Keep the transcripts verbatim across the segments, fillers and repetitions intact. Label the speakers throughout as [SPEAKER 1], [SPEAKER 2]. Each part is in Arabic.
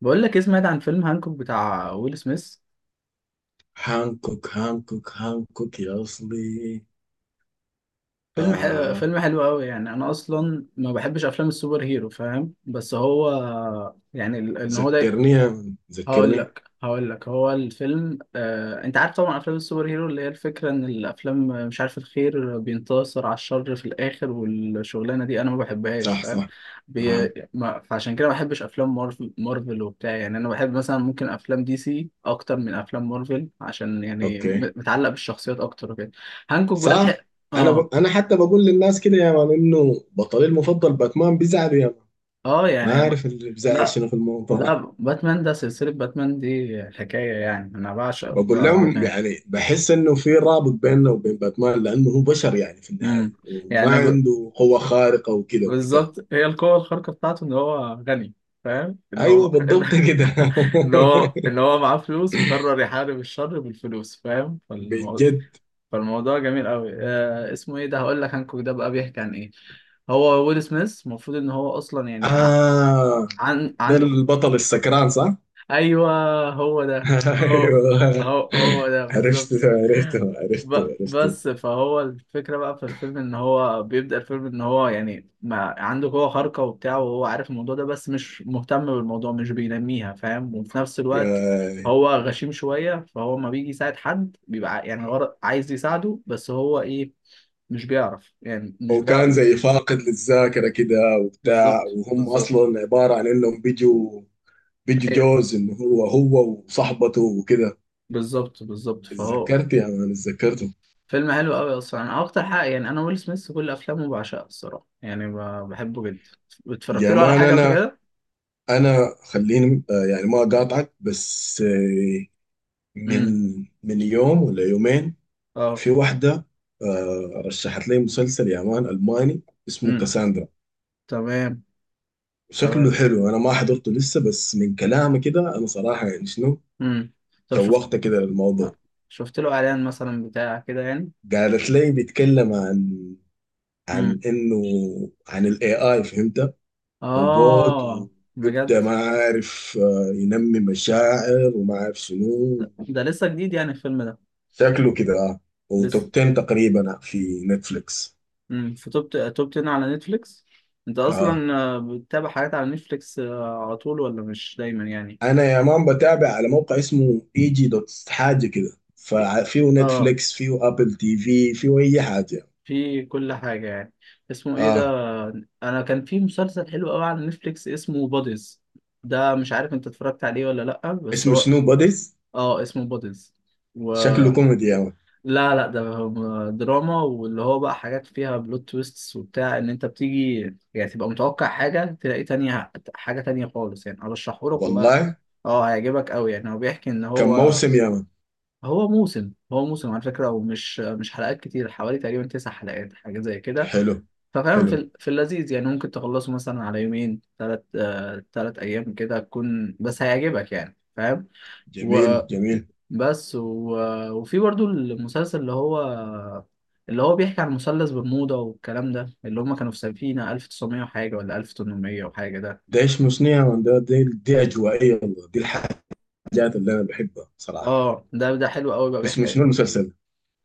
[SPEAKER 1] بقول لك إيه، سمعت عن فيلم هانكوك بتاع ويل سميث.
[SPEAKER 2] هانكوك هانكوك هانكوك يا أصلي.
[SPEAKER 1] فيلم حلو
[SPEAKER 2] آه.
[SPEAKER 1] فيلم حلو قوي. يعني انا اصلا ما بحبش افلام السوبر هيرو، فاهم؟ بس هو يعني ال- ان هو ده
[SPEAKER 2] ذكرني.
[SPEAKER 1] هقول
[SPEAKER 2] ذكرني.
[SPEAKER 1] لك هقول لك هو الفيلم. آه، انت عارف طبعا افلام السوبر هيرو اللي هي الفكره ان الافلام آه، مش عارف، الخير بينتصر على الشر في الاخر والشغلانه دي انا ما بحبهاش،
[SPEAKER 2] صح،
[SPEAKER 1] فاهم؟
[SPEAKER 2] صح.
[SPEAKER 1] بي...
[SPEAKER 2] آه.
[SPEAKER 1] ما... فعشان كده ما بحبش افلام مارفل مارفل وبتاع. يعني انا بحب مثلا، ممكن افلام دي سي اكتر من افلام مارفل، عشان يعني
[SPEAKER 2] أوكي.
[SPEAKER 1] م- متعلق بالشخصيات اكتر وكده. هانكوك بقى الحق.
[SPEAKER 2] صح. أنا
[SPEAKER 1] اه
[SPEAKER 2] ب... أنا حتى بقول للناس كده يا مان إنه بطلي المفضل باتمان بيزعلوا يا مان.
[SPEAKER 1] اه،
[SPEAKER 2] ما
[SPEAKER 1] يعني ب...
[SPEAKER 2] عارف اللي بيزعل
[SPEAKER 1] لا
[SPEAKER 2] شنو في الموضوع.
[SPEAKER 1] لا، باتمان ده سلسله، باتمان دي حكايه. يعني انا بعشق
[SPEAKER 2] بقول
[SPEAKER 1] ب-
[SPEAKER 2] لهم
[SPEAKER 1] باتمان.
[SPEAKER 2] يعني بحس إنه في رابط بيننا وبين باتمان، لأنه هو بشر يعني في
[SPEAKER 1] امم
[SPEAKER 2] النهاية، وما
[SPEAKER 1] يعني ب...
[SPEAKER 2] عنده قوة خارقة وكده وبتاع.
[SPEAKER 1] بالظبط، هي القوة الخارقة بتاعته إن هو غني، فاهم إن هو
[SPEAKER 2] أيوه،
[SPEAKER 1] إن
[SPEAKER 2] بالضبط كده.
[SPEAKER 1] إن هو إن هو معاه فلوس وقرر يحارب الشر بالفلوس، فاهم؟ فالموضوع
[SPEAKER 2] بجد.
[SPEAKER 1] فالموضوع جميل أوي. آه اسمه إيه ده؟ هقول لك، هانكوك ده بقى بيحكي عن إيه. هو ويل سميث المفروض إن هو أصلا يعني ع-
[SPEAKER 2] آه.
[SPEAKER 1] عن
[SPEAKER 2] ده
[SPEAKER 1] عنده.
[SPEAKER 2] البطل السكران، صح؟
[SPEAKER 1] أيوه، هو ده هو
[SPEAKER 2] ايوه.
[SPEAKER 1] هو هو ده
[SPEAKER 2] عرفته،
[SPEAKER 1] بالظبط.
[SPEAKER 2] عرفته،
[SPEAKER 1] ب...
[SPEAKER 2] عرفته، عرفته.
[SPEAKER 1] بس فهو الفكرة بقى في الفيلم إن هو بيبدأ الفيلم إن هو يعني ما عنده قوة خارقة وبتاع، وهو عارف الموضوع ده، بس مش مهتم بالموضوع، مش بينميها، فاهم؟ وفي نفس الوقت
[SPEAKER 2] آه.
[SPEAKER 1] هو غشيم شوية، فهو ما بيجي يساعد حد. بيبقى ع- يعني غر... عايز يساعده بس هو إيه؟ مش بيعرف، يعني مش
[SPEAKER 2] وكان
[SPEAKER 1] بيعرف.
[SPEAKER 2] زي فاقد للذاكرة كده وبتاع،
[SPEAKER 1] بالظبط
[SPEAKER 2] وهم
[SPEAKER 1] بالظبط.
[SPEAKER 2] أصلا عبارة عن إنهم بيجوا بيجوا
[SPEAKER 1] ايوه
[SPEAKER 2] جوز إنه هو هو وصاحبته وكده.
[SPEAKER 1] بالظبط بالظبط. فهو
[SPEAKER 2] اتذكرت يا مان، اتذكرته.
[SPEAKER 1] فيلم حلو قوي. اصلا انا اكتر حاجه، يعني انا ويل سميث كل افلامه بعشقها الصراحه، يعني ب- بحبه جدا. اتفرجت
[SPEAKER 2] يا
[SPEAKER 1] له على
[SPEAKER 2] مان
[SPEAKER 1] حاجه قبل
[SPEAKER 2] أنا
[SPEAKER 1] كده؟
[SPEAKER 2] أنا خليني، آه، يعني ما أقاطعك، بس آه، من من يوم ولا يومين،
[SPEAKER 1] اه.
[SPEAKER 2] في واحدة، آه، رشحت لي مسلسل يا مان ألماني اسمه
[SPEAKER 1] امم.
[SPEAKER 2] كاساندرا.
[SPEAKER 1] تمام
[SPEAKER 2] شكله
[SPEAKER 1] تمام.
[SPEAKER 2] حلو، أنا ما حضرته لسه، بس من كلامي كده أنا صراحة يعني شنو،
[SPEAKER 1] امم طب شفت
[SPEAKER 2] شوقت كده للموضوع.
[SPEAKER 1] شفت له اعلان مثلا بتاع كده يعني.
[SPEAKER 2] قالت لي بيتكلم عن
[SPEAKER 1] امم.
[SPEAKER 2] عن إنه عن ال A I، فهمت، روبوت
[SPEAKER 1] اه،
[SPEAKER 2] ويبدأ
[SPEAKER 1] بجد؟
[SPEAKER 2] ما عارف، آه، ينمي مشاعر وما عارف شنو.
[SPEAKER 1] ده, ده لسه جديد يعني الفيلم ده؟
[SPEAKER 2] شكله كده آه.
[SPEAKER 1] لسه.
[SPEAKER 2] وتوب عشرة تقريبا في نتفليكس.
[SPEAKER 1] امم في توب توب تن على نتفليكس. انت
[SPEAKER 2] اه،
[SPEAKER 1] اصلا آه، بتتابع حاجات على نتفليكس آه، على طول، ولا مش دايما يعني؟
[SPEAKER 2] انا يا مان بتابع على موقع اسمه اي جي دوت حاجه كده، ففيه
[SPEAKER 1] اه،
[SPEAKER 2] نتفليكس، فيه ابل تي في، فيه اي حاجه.
[SPEAKER 1] في كل حاجة يعني. اسمه ايه
[SPEAKER 2] اه.
[SPEAKER 1] ده؟ انا كان في مسلسل حلو قوي على نتفليكس اسمه بوديز. ده مش عارف انت اتفرجت عليه ولا لأ، بس
[SPEAKER 2] اسمه
[SPEAKER 1] هو.
[SPEAKER 2] شنو، بوديز؟
[SPEAKER 1] اه اسمه بوديز. و
[SPEAKER 2] شكله كوميدي يا مان.
[SPEAKER 1] لا لا، ده هو دراما، واللي هو بقى حاجات فيها بلوت تويستس وبتاع. ان انت بتيجي يعني تبقى متوقع حاجة، تلاقي تانية، حاجة تانية خالص. يعني ارشحه لك والله.
[SPEAKER 2] والله.
[SPEAKER 1] اه هيعجبك قوي، يعني هو بيحكي ان
[SPEAKER 2] كم
[SPEAKER 1] هو.
[SPEAKER 2] موسم يا مان؟
[SPEAKER 1] هو موسم، هو موسم على فكرة، ومش مش حلقات كتير. حوالي تقريبا تسع حلقات حاجة زي كده.
[SPEAKER 2] حلو.
[SPEAKER 1] ففاهم،
[SPEAKER 2] حلو.
[SPEAKER 1] في ال- في اللذيذ، يعني ممكن تخلصه مثلا على يومين، ثلاث آه ثلاث ايام كده، تكون بس هيعجبك، يعني فاهم. و...
[SPEAKER 2] جميل، جميل.
[SPEAKER 1] بس و... وفي برضو المسلسل اللي هو اللي هو بيحكي عن مثلث برمودا والكلام ده، اللي هم كانوا في سفينة ألف وتسعمية وحاجة، ولا ألف وتمنمية وحاجة ده.
[SPEAKER 2] ده اسمه شنو يا مان؟ ده دي, دي اجوائيه والله، دي الحاجات اللي انا بحبها صراحه.
[SPEAKER 1] اه ده ده حلو قوي بقى،
[SPEAKER 2] اسمه
[SPEAKER 1] بيحكي.
[SPEAKER 2] شنو المسلسل؟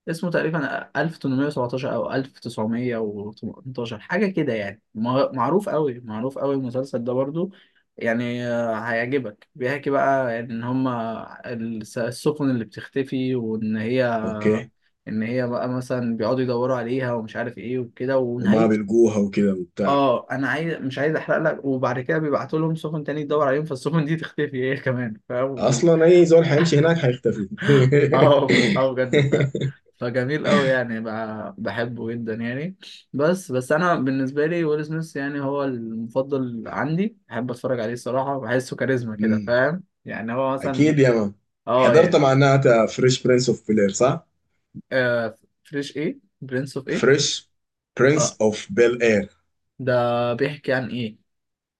[SPEAKER 1] اسمه تقريبا ألف وتمنمية وسبعتاشر او ألف وتسعمية وتمنتاشر حاجة كده يعني. ما- معروف قوي، معروف قوي المسلسل ده برضو. يعني آه، هيعجبك، بيحكي بقى يعني ان هما الس- السفن اللي بتختفي، وان هي.
[SPEAKER 2] اوكي.
[SPEAKER 1] ان هي بقى مثلا بيقعدوا يدوروا عليها ومش عارف ايه وكده
[SPEAKER 2] وما
[SPEAKER 1] ونهايته.
[SPEAKER 2] بيلقوها وكده وبتاع.
[SPEAKER 1] اه انا عايز، مش عايز احرق لك، وبعد كده بيبعتوا لهم سفن تاني تدور عليهم، فالسفن دي تختفي هي كمان، فاهم؟ و-
[SPEAKER 2] اصلا اي زول حيمشي هناك حيختفي.
[SPEAKER 1] اه اه بجد. ف فجميل قوي، يعني ب- بحبه جدا يعني. بس بس انا بالنسبه لي ويل سميث يعني هو المفضل عندي، بحب اتفرج عليه الصراحه، بحسه كاريزما كده،
[SPEAKER 2] مم.
[SPEAKER 1] فاهم؟ يعني هو مثلا.
[SPEAKER 2] اكيد يا مان.
[SPEAKER 1] اه
[SPEAKER 2] حضرت
[SPEAKER 1] يعني.
[SPEAKER 2] معناتها فريش برنس اوف بيل اير، صح؟
[SPEAKER 1] آه فريش ايه؟ برنس اوف ايه؟
[SPEAKER 2] فريش
[SPEAKER 1] اه
[SPEAKER 2] برنس اوف بيل اير،
[SPEAKER 1] ده بيحكي عن ايه؟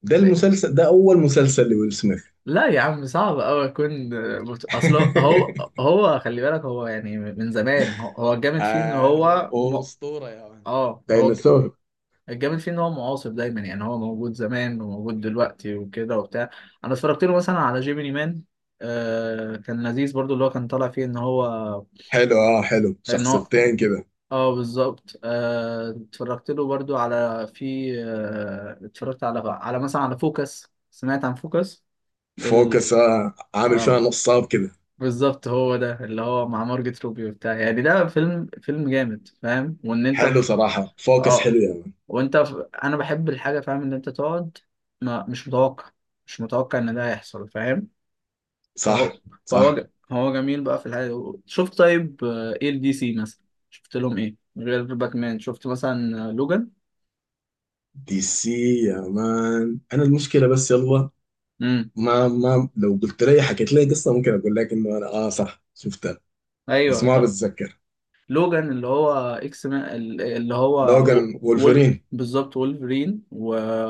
[SPEAKER 2] ده المسلسل ده اول مسلسل لويل سميث.
[SPEAKER 1] لا يا عم، صعب أوي أكون مت- أصل هو، هو خلي بالك، هو يعني من زمان، هو هو الجامد فيه إن
[SPEAKER 2] آه، هو
[SPEAKER 1] هو م...
[SPEAKER 2] هو أسطورة يا مان،
[SPEAKER 1] آه، هو الج-
[SPEAKER 2] ديناصور.
[SPEAKER 1] الجامد فيه إن هو معاصر دايما. يعني هو موجود زمان وموجود دلوقتي وكده وبتاع. أنا اتفرجت له مثلا على جيميني مان. آه كان لذيذ برضو، اللي هو كان طالع فيه إن هو،
[SPEAKER 2] حلو، اه، حلو،
[SPEAKER 1] إن هو
[SPEAKER 2] شخصيتين كده.
[SPEAKER 1] آه بالظبط. آه اتفرجت له برضو على، في آه اتفرجت على على مثلا على فوكس. سمعت عن فوكس؟ ال...
[SPEAKER 2] فوكس، آه عامل فيها
[SPEAKER 1] آه.
[SPEAKER 2] نصاب كده.
[SPEAKER 1] بالظبط، هو ده اللي هو مع مارجت روبي وبتاع، يعني ده فيلم، فيلم جامد، فاهم؟ وان انت
[SPEAKER 2] حلو
[SPEAKER 1] في...
[SPEAKER 2] صراحة، فوكس
[SPEAKER 1] اه
[SPEAKER 2] حلو يا مان.
[SPEAKER 1] وانت في... انا بحب الحاجه، فاهم؟ ان انت تقعد ما مش متوقع، مش متوقع ان ده هيحصل، فاهم؟
[SPEAKER 2] صح،
[SPEAKER 1] فهو. فهو
[SPEAKER 2] صح.
[SPEAKER 1] ج... هو جميل بقى في الحاجه دي. شفت طيب؟ آه، ايه الدي سي مثلا؟ شفت لهم ايه غير باكمان؟ شفت مثلا آه، لوجان؟
[SPEAKER 2] دي سي. يا مان انا المشكلة بس يلا،
[SPEAKER 1] امم.
[SPEAKER 2] ما ما لو قلت لي حكيت لي قصة ممكن اقول لك انه انا، اه صح، شفتها.
[SPEAKER 1] ايوه
[SPEAKER 2] اسمها
[SPEAKER 1] طب.
[SPEAKER 2] بتذكر.
[SPEAKER 1] لوجان اللي هو اكس ما، اللي هو
[SPEAKER 2] لو كان
[SPEAKER 1] و- وول
[SPEAKER 2] وولفرين.
[SPEAKER 1] بالظبط وولفرين. و.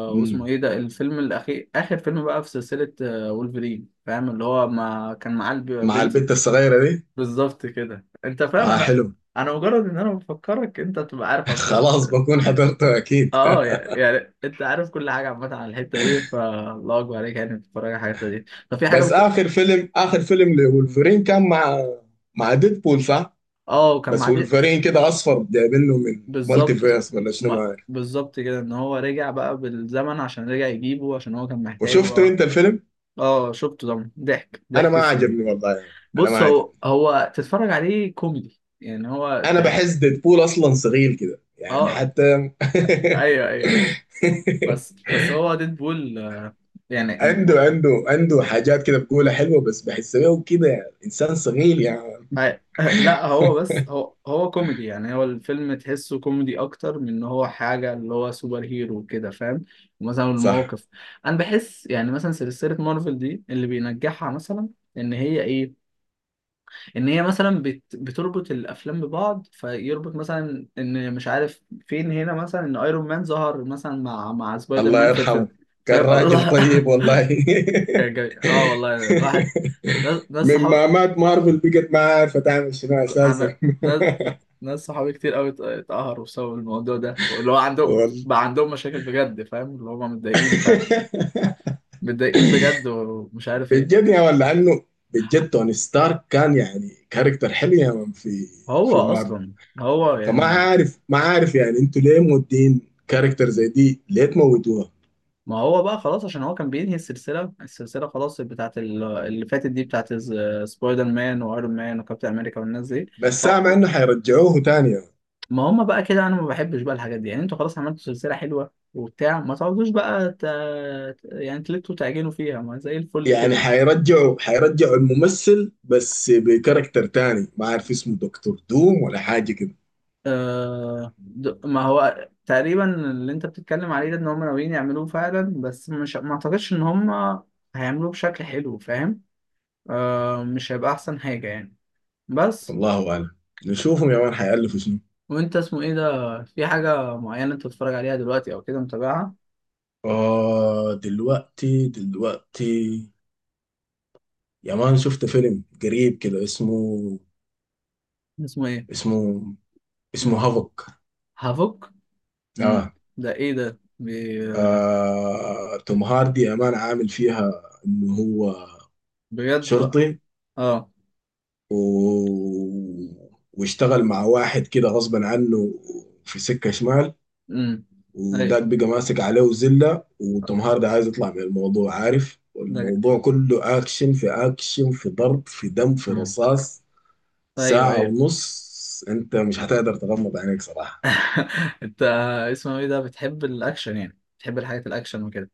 [SPEAKER 2] مم.
[SPEAKER 1] واسمه ايه ده الفيلم الاخير، اخر فيلم بقى في سلسلة آه، وولفرين، فاهم؟ اللي هو ما كان معاه الب-
[SPEAKER 2] مع
[SPEAKER 1] بنت.
[SPEAKER 2] البت الصغيرة دي.
[SPEAKER 1] بالظبط كده انت فاهم.
[SPEAKER 2] اه،
[SPEAKER 1] انا
[SPEAKER 2] حلو.
[SPEAKER 1] انا مجرد ان انا بفكرك انت تبقى عارف على
[SPEAKER 2] خلاص
[SPEAKER 1] البلوت.
[SPEAKER 2] بكون حضرته اكيد.
[SPEAKER 1] اه يعني, يعني, انت عارف كل حاجه عامه عن الحته دي، فالله اكبر عليك، يعني بتتفرج على الحته دي. طب في حاجه
[SPEAKER 2] بس
[SPEAKER 1] بت...
[SPEAKER 2] اخر فيلم اخر فيلم لولفرين كان مع مع ديدبول، صح؟
[SPEAKER 1] اه وكان
[SPEAKER 2] بس
[SPEAKER 1] معاه.
[SPEAKER 2] وولفرين كده اصفر، جايبينه من مالتي
[SPEAKER 1] بالظبط.
[SPEAKER 2] فيرس ولا شنو
[SPEAKER 1] م-
[SPEAKER 2] ما عارف.
[SPEAKER 1] بالظبط كده ان هو رجع بقى بالزمن، عشان رجع يجيبه عشان هو كان محتاجه.
[SPEAKER 2] وشفته
[SPEAKER 1] اه.
[SPEAKER 2] انت الفيلم؟
[SPEAKER 1] اه شفته طبعا، ضحك
[SPEAKER 2] انا
[SPEAKER 1] ضحك
[SPEAKER 2] ما
[SPEAKER 1] السرير.
[SPEAKER 2] عجبني والله يعني. انا ما
[SPEAKER 1] بص هو،
[SPEAKER 2] عجبني.
[SPEAKER 1] هو تتفرج عليه كوميدي، يعني هو
[SPEAKER 2] انا بحس
[SPEAKER 1] تح-
[SPEAKER 2] ديدبول اصلا صغير كده يعني
[SPEAKER 1] اه
[SPEAKER 2] حتى.
[SPEAKER 1] ايوه ايوه. بس بس هو ديدبول آه، يعني.
[SPEAKER 2] عنده عنده عنده حاجات كده بقولها حلوه، بس بحسه كده انسان صغير يعني.
[SPEAKER 1] أي- لا هو، بس هو هو كوميدي، يعني هو الفيلم تحسه كوميدي اكتر من ان هو حاجه اللي هو سوبر هيرو وكده، فاهم؟ مثلا
[SPEAKER 2] صح.
[SPEAKER 1] المواقف. انا بحس يعني مثلا سلسله مارفل دي اللي بينجحها مثلا ان هي ايه، ان هي مثلا بت بتربط الافلام ببعض. فيربط مثلا ان مش عارف فين، هنا مثلا ان ايرون مان ظهر مثلا مع مع سبايدر
[SPEAKER 2] الله
[SPEAKER 1] مان في الفيلم،
[SPEAKER 2] يرحمه، كان
[SPEAKER 1] فاهم؟
[SPEAKER 2] راجل
[SPEAKER 1] الله.
[SPEAKER 2] طيب والله.
[SPEAKER 1] كان جميل. اه والله الواحد ده، ده
[SPEAKER 2] من
[SPEAKER 1] الصحاب.
[SPEAKER 2] ما مات مارفل بقت ما عارفه تعمل شنو اساسا.
[SPEAKER 1] انا ناس، ناس صحابي كتير قوي ات- اتقهروا بسبب الموضوع ده، اللي هو عندهم
[SPEAKER 2] والله،
[SPEAKER 1] بقى، عندهم مشاكل بجد، فاهم؟ اللي هم متضايقين فعلا، متضايقين بجد ومش عارف ايه.
[SPEAKER 2] بجد يا ولا عنه. بجد توني ستارك كان يعني كاركتر حلو يا من، في
[SPEAKER 1] هو
[SPEAKER 2] في مارفل.
[SPEAKER 1] اصلا هو
[SPEAKER 2] فما
[SPEAKER 1] يعني،
[SPEAKER 2] عارف، ما عارف يعني انتوا ليه مودين كاركتر زي دي ليه تموتوها.
[SPEAKER 1] ما هو بقى خلاص عشان هو كان بينهي السلسله، السلسله خلاص بتاعت ال- اللي فاتت دي، بتاعت ز- سبايدر مان وايرون مان وكابتن امريكا والناس دي.
[SPEAKER 2] بس
[SPEAKER 1] هو-
[SPEAKER 2] سامع انه حيرجعوه تاني.
[SPEAKER 1] ما هم بقى كده. انا ما بحبش بقى الحاجات دي. يعني انتوا خلاص عملتوا سلسله حلوه وبتاع، ما تقعدوش بقى ت... يعني تلتوا تعجنوا فيها، ما زي الفل
[SPEAKER 2] يعني
[SPEAKER 1] كده.
[SPEAKER 2] حيرجعوا حيرجعوا الممثل بس بكاركتر تاني، ما عارف اسمه دكتور دوم ولا حاجة كده.
[SPEAKER 1] آه، د- ما هو تقريبا اللي انت بتتكلم عليه ده، ان هم ناويين يعملوه فعلا، بس مش، ما اعتقدش ان هم هيعملوه بشكل حلو، فاهم؟ آه، مش هيبقى احسن حاجة يعني بس.
[SPEAKER 2] الله أعلم. نشوفهم يا مان حيألفوا شنو.
[SPEAKER 1] وانت اسمه ايه ده؟ في حاجة معينة انت بتتفرج عليها دلوقتي او كده متابعها؟
[SPEAKER 2] آه، دلوقتي دلوقتي. يا مان شفت فيلم قريب كده اسمه،
[SPEAKER 1] اسمه ايه؟
[SPEAKER 2] اسمه اسمه
[SPEAKER 1] مم.
[SPEAKER 2] هافوك.
[SPEAKER 1] هافوك. مم.
[SPEAKER 2] آه.
[SPEAKER 1] ده ايه ده بي-
[SPEAKER 2] آه توم هاردي يا مان عامل فيها إنه هو
[SPEAKER 1] بجد؟
[SPEAKER 2] شرطي،
[SPEAKER 1] اه.
[SPEAKER 2] و... واشتغل مع واحد كده غصبا عنه في سكة شمال.
[SPEAKER 1] امم ايوه
[SPEAKER 2] وداك بقى ماسك عليه وزلة، وتوم هاردي عايز يطلع من الموضوع، عارف،
[SPEAKER 1] ده.
[SPEAKER 2] والموضوع كله أكشن في أكشن، في ضرب، في دم، في
[SPEAKER 1] مم.
[SPEAKER 2] رصاص.
[SPEAKER 1] ايوه
[SPEAKER 2] ساعة
[SPEAKER 1] ايوه.
[SPEAKER 2] ونص أنت مش هتقدر تغمض عينيك صراحة.
[SPEAKER 1] انت اسمه ايه ده؟ بتحب الاكشن؟ يعني بتحب الحاجات الاكشن وكده؟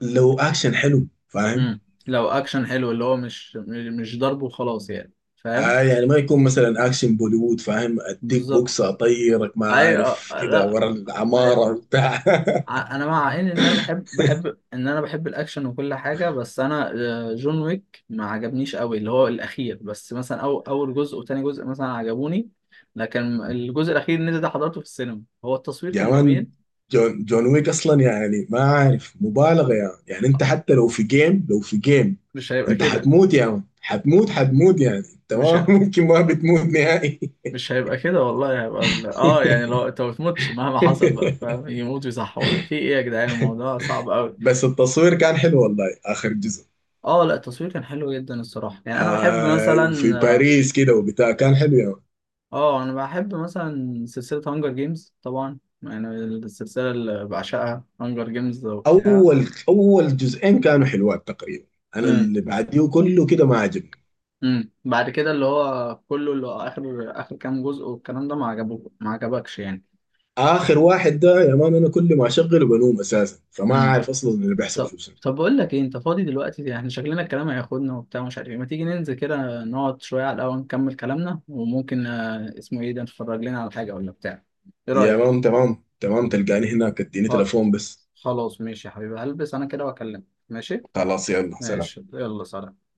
[SPEAKER 2] لو أكشن حلو فاهم،
[SPEAKER 1] امم. لو اكشن حلو اللي هو مش، مش ضرب وخلاص يعني، فاهم؟
[SPEAKER 2] آه يعني ما يكون مثلا أكشن بوليوود فاهم، أديك بوكس
[SPEAKER 1] بالظبط،
[SPEAKER 2] أطيرك ما
[SPEAKER 1] ايوه
[SPEAKER 2] عارف كده
[SPEAKER 1] لا،
[SPEAKER 2] ورا
[SPEAKER 1] ايوه
[SPEAKER 2] العمارة
[SPEAKER 1] فاهم.
[SPEAKER 2] وبتاع.
[SPEAKER 1] ع- انا مع ان ان انا بحب بحب ان انا بحب الاكشن وكل حاجه، بس انا آه، جون ويك ما عجبنيش قوي اللي هو الاخير، بس مثلا أو اول جزء وتاني جزء مثلا عجبوني. لكن الجزء الاخير اللي ده حضرته في السينما، هو التصوير
[SPEAKER 2] يا
[SPEAKER 1] كان
[SPEAKER 2] مان
[SPEAKER 1] جميل.
[SPEAKER 2] جون جون ويك اصلا يعني ما عارف مبالغه يا مان. يعني انت حتى لو في جيم، لو في جيم
[SPEAKER 1] مش هيبقى
[SPEAKER 2] انت
[SPEAKER 1] كده
[SPEAKER 2] حتموت يا مان، حتموت، حتموت، يعني انت
[SPEAKER 1] مش
[SPEAKER 2] ما ممكن ما بتموت نهائي.
[SPEAKER 1] مش هيبقى كده والله، هيبقى ال... اه يعني لو انت ما بتموتش مهما حصل بقى، فاهم؟ يموت ويصحوا في ايه يا جدعان؟ الموضوع صعب قوي.
[SPEAKER 2] بس التصوير كان حلو والله اخر جزء.
[SPEAKER 1] اه لا، التصوير كان حلو جدا الصراحه. يعني انا بحب
[SPEAKER 2] آه
[SPEAKER 1] مثلا.
[SPEAKER 2] وفي باريس كده وبتاع كان حلو يا مان.
[SPEAKER 1] اه انا بحب مثلا سلسله هانجر جيمز. طبعا يعني السلسله اللي بعشقها هانجر جيمز وبتاع.
[SPEAKER 2] اول اول جزئين كانوا حلوات تقريبا، انا
[SPEAKER 1] امم.
[SPEAKER 2] اللي بعديه كله كده ما عجبني.
[SPEAKER 1] امم بعد كده اللي هو كله، اللي هو اخر، اخر كام جزء والكلام ده، ما عجبوك؟ ما عجبكش يعني؟
[SPEAKER 2] اخر واحد ده يا مان انا كل ما اشغله بنوم اساسا، فما
[SPEAKER 1] امم.
[SPEAKER 2] عارف اصلا اللي بيحصل
[SPEAKER 1] طب.
[SPEAKER 2] فيه شنو.
[SPEAKER 1] طب بقول لك ايه، انت فاضي دلوقتي يعني؟ شكلنا الكلام هياخدنا وبتاع، مش عارف ايه، ما تيجي ننزل كده، نقعد شويه على القهوه، نكمل كلامنا، وممكن آه، اسمه ايه ده، نتفرج لنا على حاجه ولا بتاع. ايه
[SPEAKER 2] يا
[SPEAKER 1] رايك؟
[SPEAKER 2] مان تمام، تمام، تلقاني هناك، اديني
[SPEAKER 1] خ-
[SPEAKER 2] تليفون بس.
[SPEAKER 1] خلاص ماشي يا حبيبي. هلبس انا كده واكلمك. ماشي.
[SPEAKER 2] خلاص، يلا، سلام.
[SPEAKER 1] ماشي يلا سلام.